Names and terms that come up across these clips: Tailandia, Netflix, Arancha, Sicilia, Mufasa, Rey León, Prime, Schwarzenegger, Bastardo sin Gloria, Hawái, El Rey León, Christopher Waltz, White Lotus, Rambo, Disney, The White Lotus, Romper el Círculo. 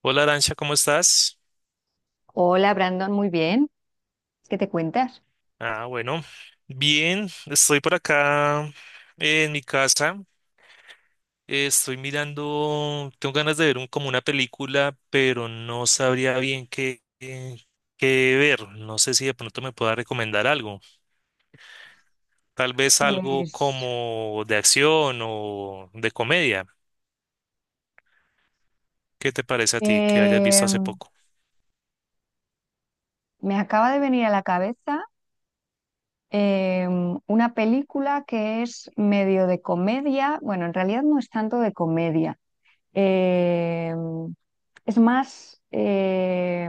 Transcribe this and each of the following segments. Hola Arancha, ¿cómo estás? Hola Brandon, muy bien. ¿Qué te cuentas? Ah, bueno, bien, estoy por acá en mi casa. Estoy mirando, tengo ganas de ver como una película, pero no sabría bien qué ver. No sé si de pronto me pueda recomendar algo. Tal vez algo Pues como de acción o de comedia. ¿Qué te parece a ti que hayas visto eh, hace poco? me acaba de venir a la cabeza eh, una película que es medio de comedia, bueno, en realidad no es tanto de comedia, eh, es más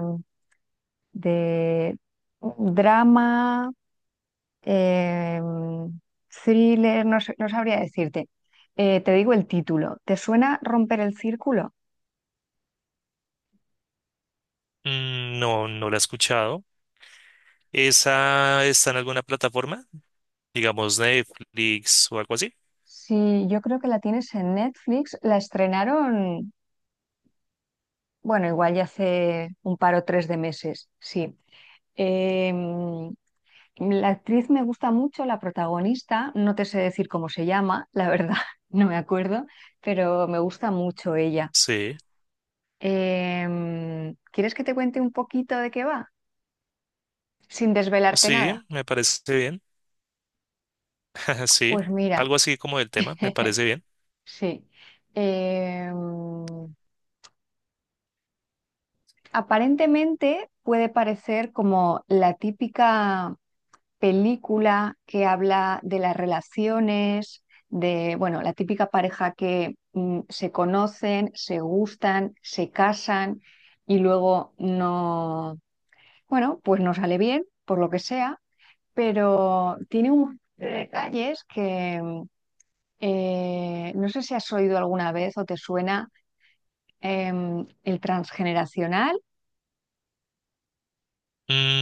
de drama, eh, thriller, no sabría decirte. Te digo el título, ¿te suena Romper el Círculo? Mm, no, no la he escuchado. ¿Esa está en alguna plataforma? Digamos Netflix o algo así. Sí, yo creo que la tienes en Netflix. La estrenaron, bueno, igual ya hace un par o tres de meses, sí. Em, la actriz me gusta mucho, la protagonista, no te sé decir cómo se llama, la verdad, no me acuerdo, pero me gusta mucho ella. Sí. ¿Quieres que te cuente un poquito de qué va? Sin desvelarte nada. Sí, me parece bien. Sí, Pues mira, algo así como del tema, me parece bien. sí. Em, Aparentemente puede parecer como la típica película que habla de las relaciones, de, bueno, la típica pareja que se conocen, se gustan, se casan y luego no, bueno, pues no sale bien, por lo que sea, pero tiene unos detalles que no sé si has oído alguna vez o te suena el transgeneracional.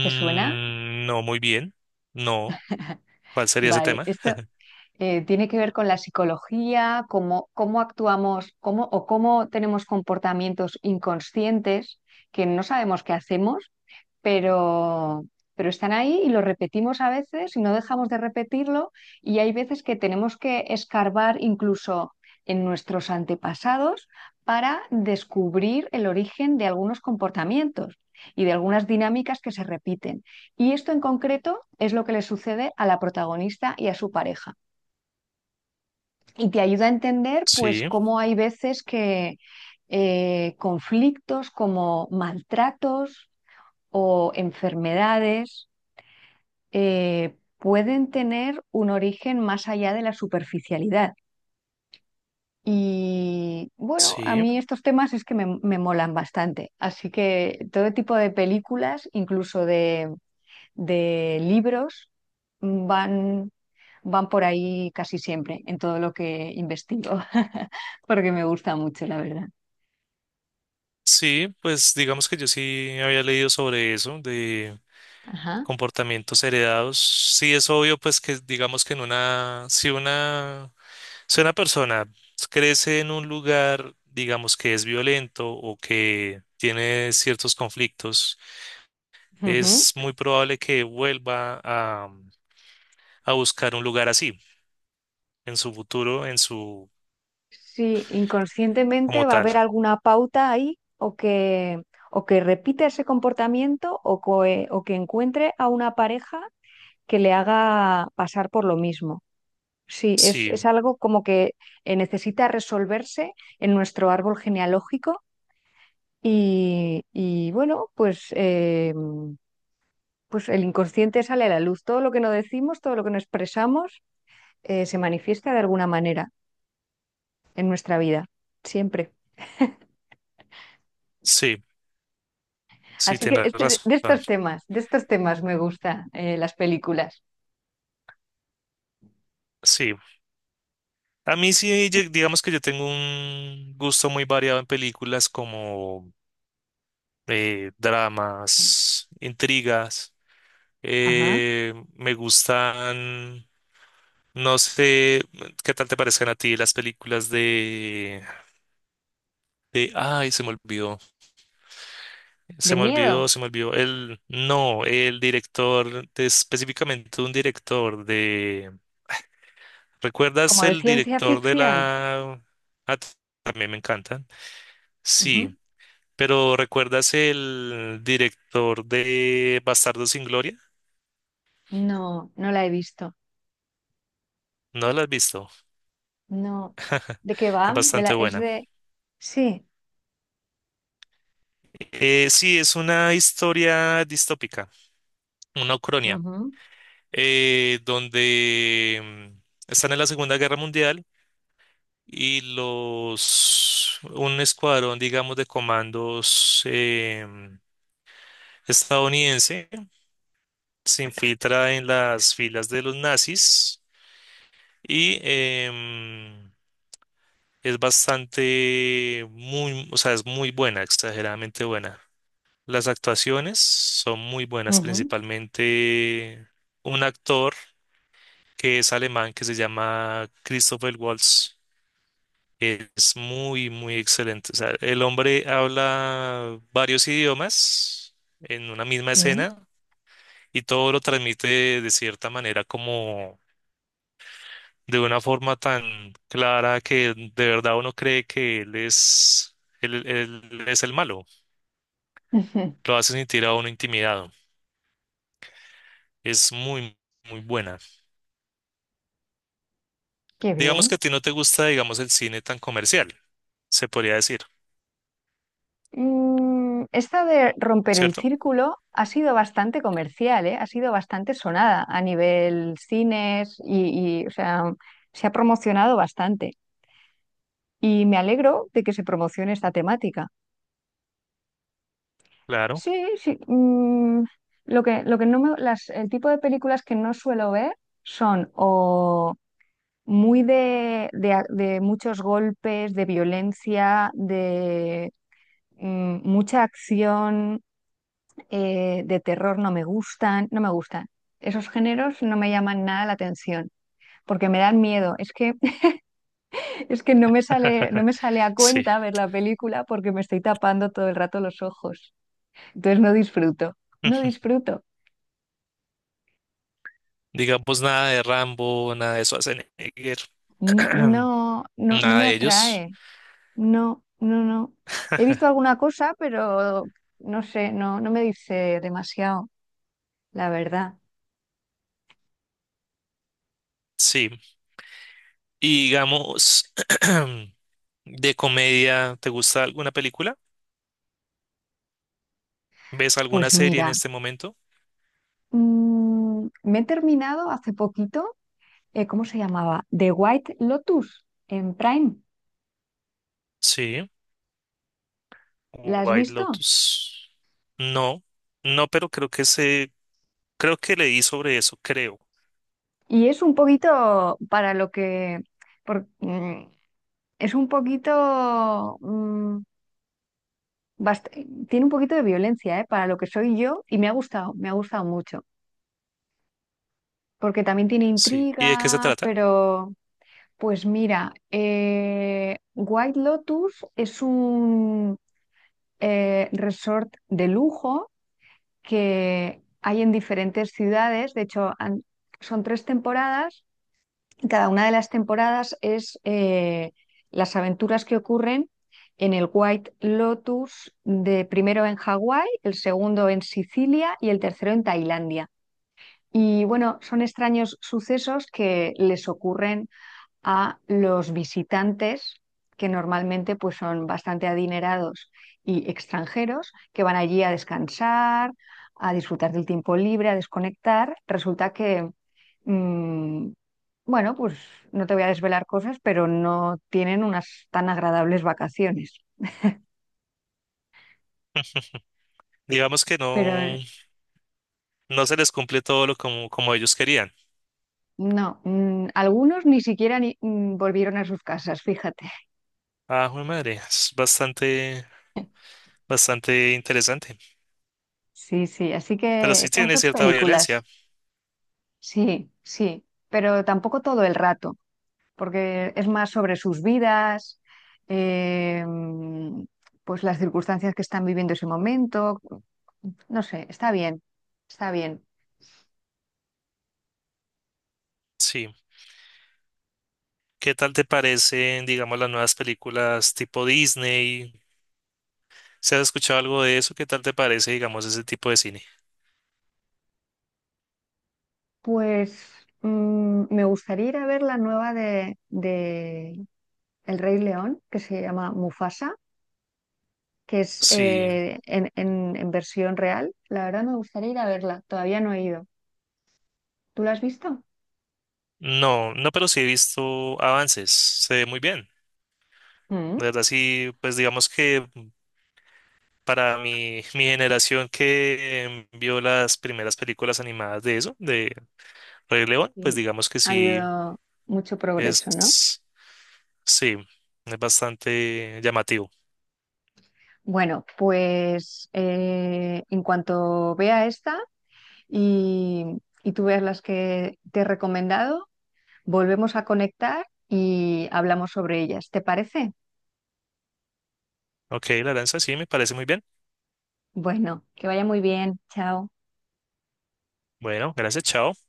¿Te suena? no, muy bien. No, ¿cuál sería ese Vale, tema? esto tiene que ver con la psicología, cómo actuamos cómo, o cómo tenemos comportamientos inconscientes que no sabemos qué hacemos, pero, pero están ahí y lo repetimos a veces y no dejamos de repetirlo y hay veces que tenemos que escarbar incluso en nuestros antepasados para descubrir el origen de algunos comportamientos y de algunas dinámicas que se repiten. Y esto en concreto es lo que le sucede a la protagonista y a su pareja y te ayuda a entender pues Sí, cómo hay veces que conflictos como maltratos o enfermedades pueden tener un origen más allá de la superficialidad. Y bueno, a sí, mí estos temas es que me molan bastante. Así que todo tipo de películas, incluso de libros, van van por ahí casi siempre en todo lo que investigo, porque me gusta mucho, la verdad. sí, pues digamos que yo sí había leído sobre eso, de Ajá. comportamientos heredados. Sí, es obvio, pues que digamos que en una, si una, si una persona crece en un lugar, digamos que es violento o que tiene ciertos conflictos, Ujú. es muy probable que vuelva a buscar un lugar así, en su futuro, en su, Sí, inconscientemente como va a tal. haber alguna pauta ahí o que repita ese comportamiento o que encuentre a una pareja que le haga pasar por lo mismo. Sí, Sí, es algo como que necesita resolverse en nuestro árbol genealógico y bueno, pues el inconsciente sale a la luz. Todo lo que no decimos, todo lo que no expresamos, se manifiesta de alguna manera en nuestra vida, siempre. sí, sí, Así que tienes razón. De estos temas me gustan las películas. Sí. A mí sí, yo- digamos que yo tengo un gusto muy variado en películas como dramas, intrigas. Ajá. Me gustan, no sé, ¿qué tal te parecen a ti las películas ay, se me olvidó. De Se me miedo, olvidó, se me olvidó. El, no, el director, de- específicamente un director de... ¿Recuerdas como de el ciencia director de ficción. la... Ah, t- también me encantan. Sí, Ujú. pero ¿recuerdas el director de Bastardo sin Gloria? No, no la he visto. No la has visto. No. ¿De qué va? Es Me la- bastante es buena. de... Sí. Sí, es una historia distópica, una ucronia, Ujú, donde están en la Segunda Guerra Mundial y los un escuadrón, digamos, de comandos estadounidense se infiltra en las filas de los nazis y es bastante muy, o sea, es muy buena, exageradamente buena. Las actuaciones son muy buenas, ujú, principalmente un actor que es alemán que se llama Christopher Waltz. Es muy, muy excelente. O sea, el hombre habla varios idiomas en una misma sí. escena y todo lo transmite de cierta manera como de una forma tan clara que de verdad uno cree que él, él es el malo. Lo hace sentir a uno intimidado. Es muy, muy buena. Qué Digamos bien. que a ti no te gusta, digamos, el cine tan comercial, se podría decir, Mm, esta de romper el ¿cierto? círculo ha sido bastante comercial, ¿eh? Ha sido bastante sonada a nivel cines o sea, se ha promocionado bastante. Y me alegro de que se promocione esta temática. Claro. Sí, sí. Lo que, lo que no me- las, el tipo de películas que no suelo ver son o muy de, de muchos golpes, de violencia, de mucha acción de terror no me gustan, no me gustan. Esos géneros no me llaman nada la atención porque me dan miedo. Es que, es que no me sale, no me sale a Sí. cuenta ver la película porque me estoy tapando todo el rato los ojos. Entonces no disfruto, no disfruto. Digamos, nada de Rambo, nada de Schwarzenegger, N- No, no, no nada me de ellos. atrae. No, no, no. He visto alguna cosa, pero no sé, no, no me dice demasiado, la verdad. Sí. Y digamos, de comedia, ¿te gusta alguna película? ¿Ves alguna Pues serie en mira, este momento? Me he terminado hace poquito ¿cómo se llamaba? The White Lotus en Prime. Sí. ¿La has White visto? Lotus. No, no, pero creo que leí sobre eso, creo. Y es un poquito para lo que... por- mm, es un poquito... bast- tiene un poquito de violencia, ¿eh? Para lo que soy yo y me ha gustado mucho. Porque también tiene Sí. ¿Y de qué se intriga, trata? pero... Pues mira, White Lotus es un resort de lujo que hay en diferentes ciudades. De hecho, son tres temporadas. Y cada una de las temporadas es las aventuras que ocurren en el White Lotus, de primero en Hawái, el segundo en Sicilia y el tercero en Tailandia. Y bueno, son extraños sucesos que les ocurren a los visitantes, que normalmente pues, son bastante adinerados y extranjeros, que van allí a descansar, a disfrutar del tiempo libre, a desconectar. Resulta que, mm, bueno, pues no te voy a desvelar cosas, pero no tienen unas tan agradables vacaciones. Digamos que Pero no, no se les cumple todo lo como, como ellos querían. no, algunos ni siquiera volvieron a sus casas, fíjate. Ah, jue madre, es bastante, bastante interesante. Sí, sí, así Pero que sí esas tiene dos cierta violencia, películas. Sí, sí, pero tampoco todo el rato, porque es más sobre sus vidas, eh, mm, pues las circunstancias que están viviendo ese momento. No sé, está bien, está bien. sí. ¿Qué tal te parecen, digamos, las nuevas películas tipo Disney? ¿Se has escuchado algo de eso? ¿Qué tal te parece, digamos, ese tipo de cine? Pues me gustaría ir a ver la nueva de El Rey León, que se llama Mufasa, que es Sí, en versión real. La verdad me gustaría ir a verla, todavía no he ido. ¿Tú la has visto? no, no, pero sí he visto avances, se ve muy bien. Mm, De verdad, sí, pues digamos que para mi generación que vio las primeras películas animadas de eso, de Rey León, pues sí. digamos que Ha sí, habido mucho progreso, ¿no? es, sí, es bastante llamativo. Bueno, pues en cuanto vea esta y, y tú veas las que te he recomendado, volvemos a conectar y hablamos sobre ellas. ¿Te parece? Ok, la danza sí, me parece muy bien. Bueno, que vaya muy bien. Chao. Bueno, gracias, chao.